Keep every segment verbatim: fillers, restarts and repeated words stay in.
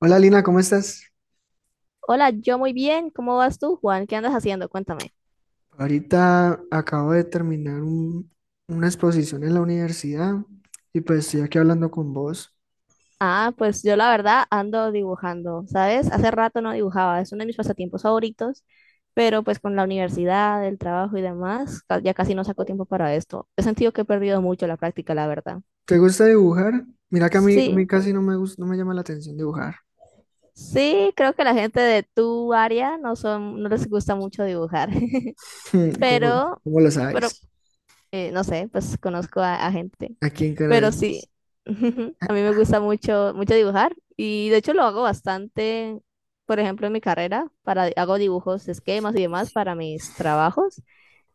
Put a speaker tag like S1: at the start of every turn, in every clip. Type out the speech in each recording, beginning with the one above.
S1: Hola Lina, ¿cómo estás?
S2: Hola, yo muy bien. ¿Cómo vas tú, Juan? ¿Qué andas haciendo? Cuéntame.
S1: Ahorita acabo de terminar un- una exposición en la universidad y pues estoy aquí hablando con vos.
S2: Ah, pues yo la verdad ando dibujando, ¿sabes? Hace rato no dibujaba, es uno de mis pasatiempos favoritos, pero pues con la universidad, el trabajo y demás, ca- ya casi no saco tiempo para esto. He sentido que he perdido mucho la práctica, la verdad.
S1: ¿Te gusta dibujar? Mira que a mí, a mí
S2: Sí,
S1: casi no me gusta, no me llama la atención dibujar.
S2: sí, creo que la gente de tu área no son, no les gusta mucho dibujar,
S1: ¿Cómo,
S2: pero,
S1: cómo lo
S2: pero
S1: sabes?
S2: eh, no sé, pues conozco a, a gente.
S1: Aquí en Canadá.
S2: Pero sí, a mí me gusta mucho, mucho dibujar y de hecho lo hago bastante, por ejemplo, en mi carrera, para, hago dibujos, esquemas y demás para mis trabajos.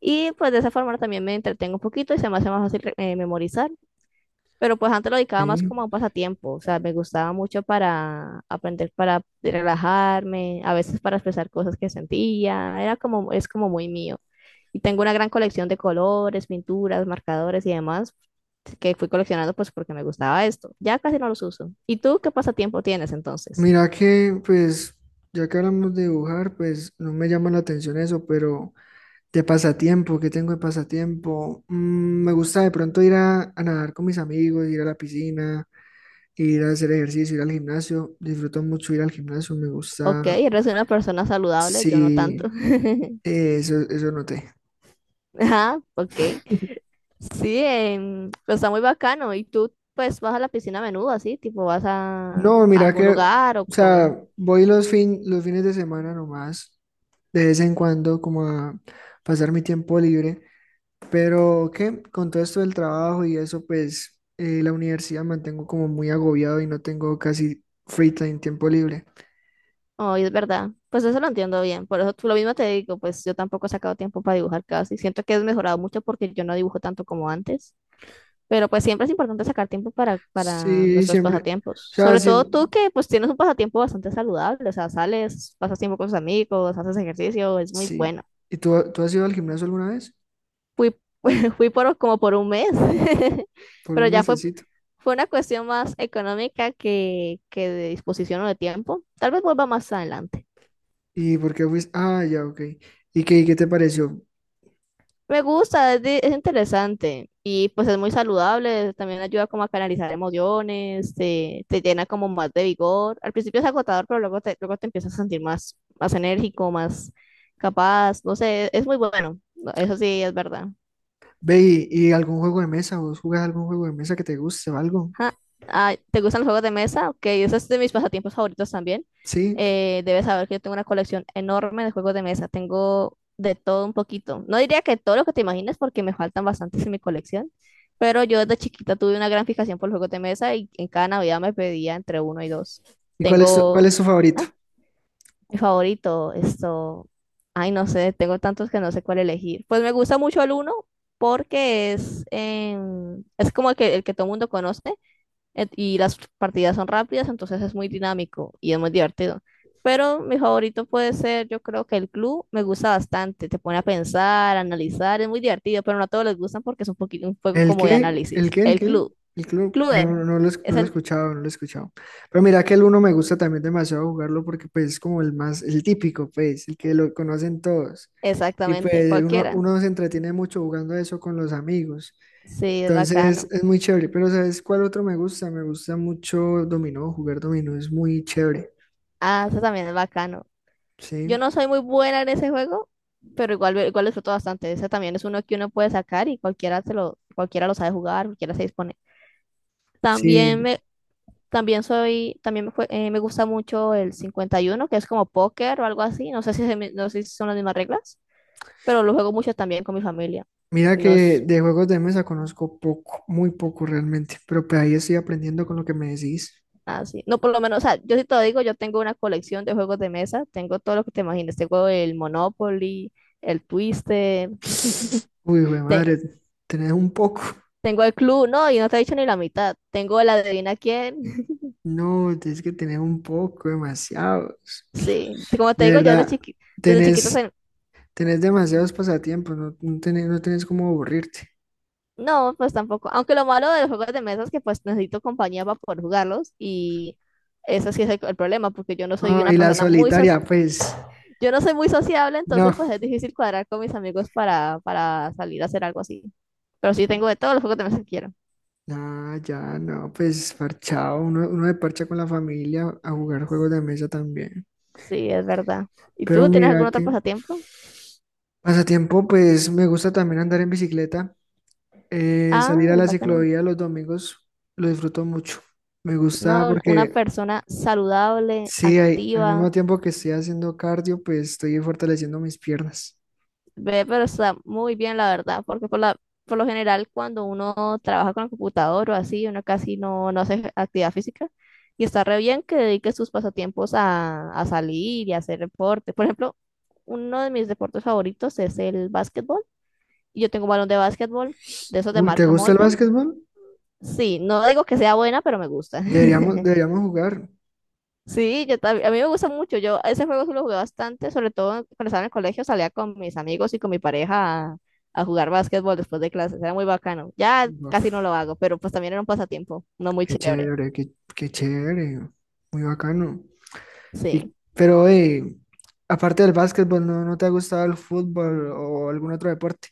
S2: Y pues de esa forma también me entretengo un poquito y se me hace más fácil eh, memorizar. Pero pues antes lo
S1: Ok.
S2: dedicaba más como a un pasatiempo, o sea, me gustaba mucho para aprender, para relajarme, a veces para expresar cosas que sentía, era como, es como muy mío. Y tengo una gran colección de colores, pinturas, marcadores y demás que fui coleccionando pues porque me gustaba esto. Ya casi no los uso. ¿Y tú qué pasatiempo tienes entonces?
S1: Mira que, pues, ya que hablamos de dibujar, pues no me llama la atención eso, pero de pasatiempo, ¿qué tengo de pasatiempo? Mm, me gusta de pronto ir a, a nadar con mis amigos, ir a la piscina, ir a hacer ejercicio, ir al gimnasio. Disfruto mucho ir al gimnasio, me gusta.
S2: Ok, eres una persona saludable, yo no
S1: Sí,
S2: tanto.
S1: eh, eso, eso noté.
S2: Ajá, ok. Sí, em, pero está muy bacano. ¿Y tú, pues, vas a la piscina a menudo, así? Tipo, ¿vas a, a
S1: No, mira
S2: algún
S1: que, o
S2: lugar o cómo?
S1: sea, voy los, fin, los fines de semana nomás, de vez en cuando, como a pasar mi tiempo libre. Pero que con todo esto del trabajo y eso, pues eh, la universidad mantengo como muy agobiado y no tengo casi free time, tiempo libre.
S2: Oh, y es verdad. Pues eso lo entiendo bien. Por eso tú lo mismo te digo, pues yo tampoco he sacado tiempo para dibujar casi. Siento que he mejorado mucho porque yo no dibujo tanto como antes. Pero pues siempre es importante sacar tiempo para, para
S1: Sí,
S2: nuestros
S1: siempre. O
S2: pasatiempos.
S1: sea,
S2: Sobre
S1: sí.
S2: todo tú que pues tienes un pasatiempo bastante saludable. O sea, sales, pasas tiempo con tus amigos, haces ejercicio, es muy
S1: Sí.
S2: bueno.
S1: ¿Y tú, tú has ido al gimnasio alguna vez?
S2: Fui, fui por como por un mes.
S1: Por
S2: Pero
S1: un
S2: ya
S1: mes.
S2: fue Fue una cuestión más económica que, que de disposición o de tiempo. Tal vez vuelva más adelante.
S1: ¿Y por qué fuiste? Ah, ya, ok. ¿Y qué, y qué te pareció?
S2: Me gusta, es, de- es interesante y pues es muy saludable, también ayuda como a canalizar emociones, te, te llena como más de vigor. Al principio es agotador, pero luego te, luego te empiezas a sentir más, más enérgico, más capaz, no sé, es muy bueno, eso sí es verdad.
S1: Ve, ¿y, y algún juego de mesa? ¿Vos jugás algún juego de mesa que te guste o algo?
S2: Ajá. Ah, ¿te gustan los juegos de mesa? Ok, ese es de mis pasatiempos favoritos también.
S1: ¿Sí?
S2: Eh, debes saber que yo tengo una colección enorme de juegos de mesa. Tengo de todo un poquito. No diría que todo lo que te imagines porque me faltan bastantes en mi colección, pero yo desde chiquita tuve una gran fijación por los juegos de mesa y en cada Navidad me pedía entre uno y dos.
S1: ¿Y cuál es tu, cuál
S2: Tengo,
S1: es tu favorito?
S2: ah, mi favorito, esto, ay, no sé, tengo tantos que no sé cuál elegir. Pues me gusta mucho el uno porque es, em, es como el que, el que todo el mundo conoce. Et- Y las partidas son rápidas, entonces es muy dinámico y es muy divertido. Pero mi favorito puede ser, yo creo que el club me gusta bastante, te pone a pensar, a analizar, es muy divertido, pero no a todos les gustan porque es un poquito un juego
S1: ¿El
S2: como de
S1: qué? ¿El
S2: análisis.
S1: qué? ¿El
S2: El
S1: qué?
S2: club,
S1: El club. No,
S2: Clue,
S1: no, no lo, es-
S2: es
S1: no lo he
S2: el,
S1: escuchado, no lo he escuchado. Pero mira que el uno me gusta también demasiado jugarlo porque pues es como el más, el típico, pues, el que lo conocen todos. Y
S2: exactamente,
S1: pues uno,
S2: cualquiera.
S1: uno se entretiene mucho jugando eso con los amigos.
S2: Sí, es
S1: Entonces
S2: bacano.
S1: es muy chévere, pero ¿sabes cuál otro me gusta? Me gusta mucho dominó, jugar dominó es muy chévere,
S2: Ah, ese también es bacano. Yo
S1: ¿sí?
S2: no soy muy buena en ese juego, pero igual, igual disfruto bastante. Ese también es uno que uno puede sacar y cualquiera se lo, cualquiera lo sabe jugar, cualquiera se dispone. También
S1: Sí,
S2: me, También soy, también me, jue- eh, me gusta mucho el cincuenta y uno que es como póker o algo así. No sé si, se me- no sé si son las mismas reglas, pero lo juego mucho también con mi familia.
S1: mira
S2: No
S1: que
S2: es
S1: de juegos de mesa conozco poco, muy poco realmente, pero pues ahí estoy aprendiendo con lo que me decís.
S2: así. No, por lo menos, o sea, yo sí te lo digo, yo tengo una colección de juegos de mesa. Tengo todo lo que te imagines. Tengo el Monopoly, el Twister,
S1: Uy, hijo de
S2: te-
S1: madre, tenés un poco.
S2: tengo el club, no, y no te he dicho ni la mitad. Tengo el adivina quién.
S1: No, tienes que tener un poco, demasiados.
S2: Sí, como te
S1: De
S2: digo, yo desde
S1: verdad,
S2: chiqui- desde chiquita.
S1: tenés, tenés demasiados pasatiempos, no, no tenés, no tenés cómo aburrirte.
S2: No, pues tampoco. Aunque lo malo de los juegos de mesa es que pues necesito compañía para poder jugarlos y eso sí es el, el problema porque yo no soy
S1: Ah,
S2: una
S1: y la
S2: persona muy so-
S1: solitaria, pues,
S2: yo no soy muy sociable,
S1: no.
S2: entonces pues es difícil cuadrar con mis amigos para, para salir a hacer algo así. Pero sí tengo de todos los juegos de mesa que quiero.
S1: Ah, ya, no, pues parchado, uno, uno se parcha con la familia a jugar juegos de mesa también.
S2: Sí, es verdad. ¿Y
S1: Pero
S2: tú tienes
S1: mira
S2: algún otro
S1: que
S2: pasatiempo?
S1: pasatiempo, pues me gusta también andar en bicicleta, eh, salir
S2: Ah,
S1: a
S2: es
S1: la
S2: bacano.
S1: ciclovía los domingos, lo disfruto mucho. Me
S2: No,
S1: gusta
S2: una una
S1: porque
S2: persona saludable,
S1: sí, hay, al
S2: activa.
S1: mismo tiempo que estoy haciendo cardio, pues estoy fortaleciendo mis piernas.
S2: Ve, pero está muy bien, la verdad, porque por la, por lo general cuando uno trabaja con el computador o así, uno casi no, no hace actividad física y está re bien que dedique sus pasatiempos a, a salir y a hacer deporte. Por ejemplo, uno de mis deportes favoritos es el básquetbol. Y yo tengo un balón de básquetbol, de esos de
S1: Uy, ¿te
S2: marca
S1: gusta el
S2: Molten.
S1: básquetbol?
S2: Sí, no digo que sea buena, pero me gusta.
S1: Deberíamos, deberíamos jugar.
S2: Sí, yo también, a mí me gusta mucho, yo ese juego sí lo jugué bastante, sobre todo cuando estaba en el colegio, salía con mis amigos y con mi pareja a, a jugar básquetbol después de clases, era muy bacano. Ya casi no lo
S1: Uf,
S2: hago, pero pues también era un pasatiempo, no muy
S1: qué
S2: chévere,
S1: chévere, qué, qué chévere, muy bacano.
S2: sí.
S1: Y, pero, eh, aparte del básquetbol, ¿no, ¿no te ha gustado el fútbol o algún otro deporte?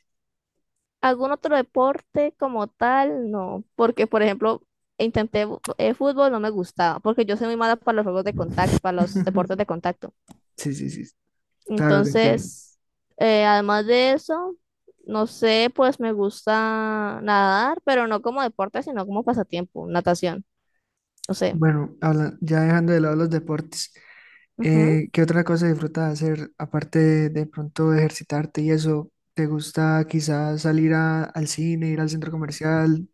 S2: ¿Algún otro deporte como tal? No, porque por ejemplo, intenté bu- eh, fútbol, no me gustaba, porque yo soy muy mala para los juegos de contacto, para los deportes de contacto.
S1: Sí, sí, sí, claro, te entiendo.
S2: Entonces, eh, además de eso, no sé, pues me gusta nadar, pero no como deporte, sino como pasatiempo, natación, no sé.
S1: Bueno, habla- ya dejando de lado los deportes,
S2: Ujú.
S1: eh, ¿qué otra cosa disfrutas hacer aparte de, de pronto de ejercitarte y eso? ¿Te gusta quizás salir a- al cine, ir al centro comercial?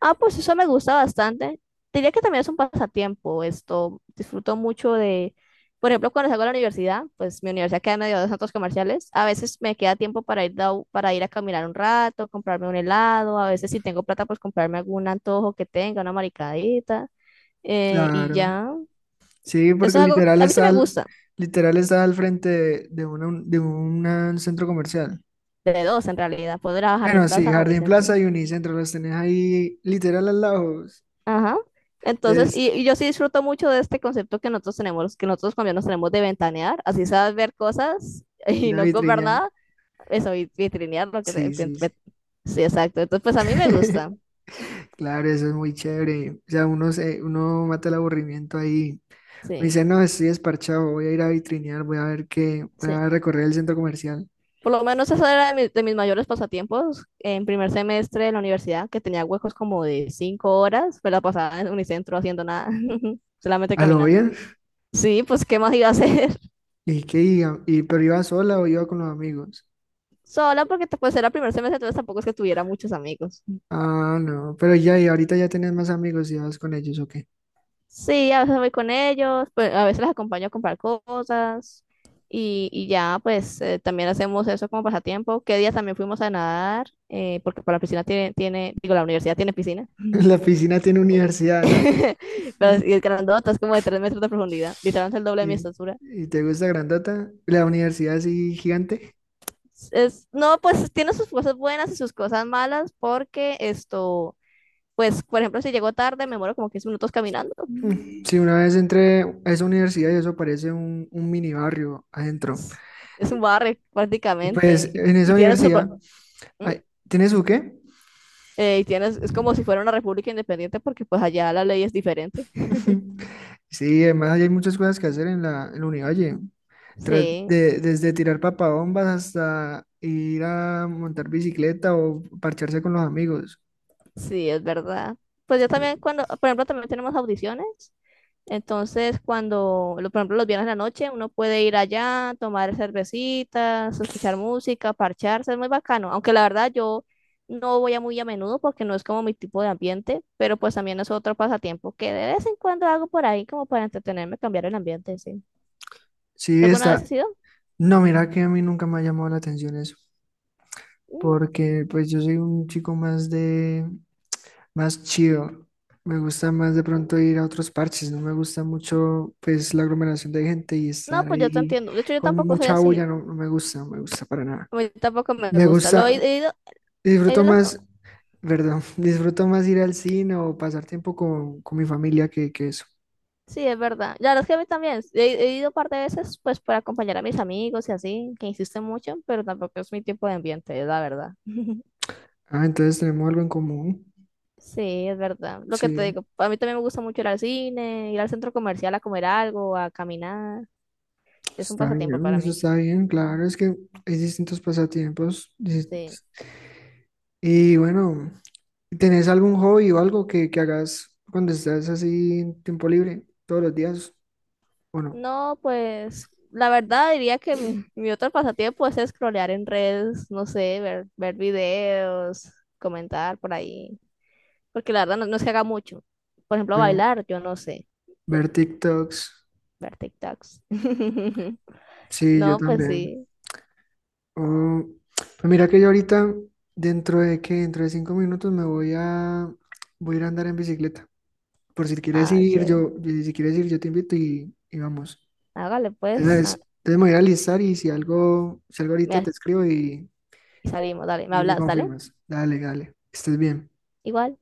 S2: Ah, pues eso me gusta bastante. Diría que también es un pasatiempo esto. Disfruto mucho de, por ejemplo, cuando salgo a la universidad, pues mi universidad queda en medio de centros comerciales. A veces me queda tiempo para ir, da- para ir a caminar un rato, comprarme un helado. A veces si tengo plata, pues comprarme algún antojo que tenga, una maricadita. eh, y
S1: Claro,
S2: ya.
S1: sí, porque
S2: Eso es algo que
S1: literal
S2: a mí sí
S1: está
S2: me
S1: al,
S2: gusta,
S1: literal está al frente de, de una- de un centro comercial.
S2: de dos en realidad, poder ir a Jardín
S1: Bueno, sí,
S2: Plaza o
S1: Jardín
S2: Unicentro.
S1: Plaza y Unicentro los tenés ahí literal al lado.
S2: Ajá. Entonces,
S1: Entonces,
S2: y, y yo sí disfruto mucho de este concepto que nosotros tenemos, que nosotros colombianos tenemos de ventanear, así sabes ver cosas
S1: ir
S2: y
S1: a
S2: no comprar
S1: Vitrinial.
S2: nada, eso, y vitrinear lo que sea.
S1: Sí,
S2: vit-
S1: sí, sí.
S2: vit- Sí, exacto. Entonces, pues a mí me gusta,
S1: Claro, eso es muy chévere. O sea, uno, se, uno mata el aburrimiento ahí. Me
S2: sí,
S1: dice, no, estoy desparchado, voy a ir a vitrinear, voy a ver qué, voy
S2: sí.
S1: a recorrer el centro comercial.
S2: Por lo menos eso era de, mi- de mis mayores pasatiempos en primer semestre de la universidad, que tenía huecos como de cinco horas, pues la pasaba en Unicentro haciendo nada, solamente
S1: ¿A lo
S2: caminando.
S1: bien?
S2: Sí, pues, ¿qué más iba a hacer?
S1: ¿Y qué iba? ¿Y pero iba sola o iba con los amigos?
S2: Sola porque te- pues era el primer semestre, entonces tampoco es que tuviera muchos amigos.
S1: Ah, no, pero ya, y ahorita ya tenés más amigos y vas con ellos, ¿o qué?
S2: Sí, a veces voy con ellos, pues a veces las acompaño a comprar cosas y, y ya, pues eh, también hacemos eso como pasatiempo. ¿Qué día también fuimos a nadar? eh, porque para la piscina tiene, tiene, digo, la universidad tiene piscina,
S1: La piscina tiene universidad, ¿no?
S2: pero es- y el grandota es como de tres metros de profundidad, literalmente el doble de mi
S1: ¿Y,
S2: estatura.
S1: y te gusta Grandata? La universidad así gigante.
S2: Es, no, pues tiene sus cosas buenas y sus cosas malas porque esto... Pues, por ejemplo, si llego tarde, me muero como quince minutos caminando.
S1: Mm. Sí, una vez entré a esa universidad y eso parece un, un mini barrio adentro.
S2: Es un barrio
S1: Y
S2: prácticamente
S1: pues
S2: y,
S1: en esa
S2: y tiene su pro-
S1: universidad,
S2: ¿Mm?
S1: ay, ¿tiene su qué?
S2: Eh, y tienes, es como si fuera una república independiente porque pues allá la ley es diferente.
S1: Sí, además ahí hay muchas cosas que hacer en la, en la Univalle. Tras-
S2: Sí,
S1: de- desde tirar papabombas hasta ir a montar bicicleta o parcharse con los amigos.
S2: sí, es verdad. Pues yo también cuando, por ejemplo, también tenemos audiciones. Entonces, cuando, lo- por ejemplo, los viernes en la noche, uno puede ir allá, tomar cervecitas, escuchar música, parcharse, es muy bacano. Aunque la verdad yo no voy a muy a menudo porque no es como mi tipo de ambiente, pero pues también es otro pasatiempo que de vez en cuando hago por ahí como para entretenerme, cambiar el ambiente, sí.
S1: Sí,
S2: ¿Alguna
S1: está.
S2: vez has ido?
S1: No, mira que a mí nunca me ha llamado la atención eso,
S2: Mm.
S1: porque pues yo soy un chico más de, más chido. Me gusta más de pronto ir a otros parches, no me gusta mucho pues la aglomeración de gente y
S2: No,
S1: estar
S2: pues yo te
S1: ahí
S2: entiendo. De hecho, yo
S1: con
S2: tampoco soy
S1: mucha
S2: así.
S1: bulla, no, no me gusta, no me gusta para nada.
S2: A mí tampoco me
S1: Me
S2: gusta. Lo he,
S1: gusta,
S2: he ido, he
S1: disfruto
S2: ido las-
S1: más, perdón, disfruto más ir al cine o pasar tiempo con, con mi familia que, que eso.
S2: Sí, es verdad. Ya, los que a mí también. He, he ido un par de veces, pues, para acompañar a mis amigos y así, que insisten mucho, pero tampoco es mi tiempo de ambiente, es la verdad.
S1: Ah, entonces tenemos algo en común.
S2: Sí, es verdad. Lo que te
S1: Sí,
S2: digo, a mí también me gusta mucho ir al cine, ir al centro comercial a comer algo, a caminar. Es un
S1: está
S2: pasatiempo
S1: bien,
S2: para
S1: eso
S2: mí.
S1: está bien, claro, es que hay distintos pasatiempos. dis-
S2: Sí.
S1: Y bueno, ¿tenés algún hobby o algo que, que hagas cuando estás así en tiempo libre todos los días? Bueno,
S2: No, pues, la verdad diría que mi, mi otro pasatiempo pues, es scrollear en redes, no sé, ver, ver videos, comentar por ahí. Porque la verdad no, no se haga mucho. Por ejemplo,
S1: ver,
S2: bailar, yo no sé.
S1: ver TikToks.
S2: Ver TikToks.
S1: Sí, yo
S2: No, pues
S1: también.
S2: sí.
S1: Oh, pues mira que yo ahorita, dentro de que dentro de cinco minutos me voy a voy a ir a andar en bicicleta. Por si quieres
S2: Ah,
S1: ir,
S2: chévere.
S1: yo, y si quieres ir, yo te invito y, y vamos.
S2: Hágale pues.
S1: Entonces,
S2: Ah,
S1: entonces me voy a alistar y si algo, si algo ahorita
S2: me-
S1: te escribo y,
S2: salimos, dale. Me
S1: y me
S2: hablas, dale.
S1: confirmas. Dale, dale. Que estés bien.
S2: Igual.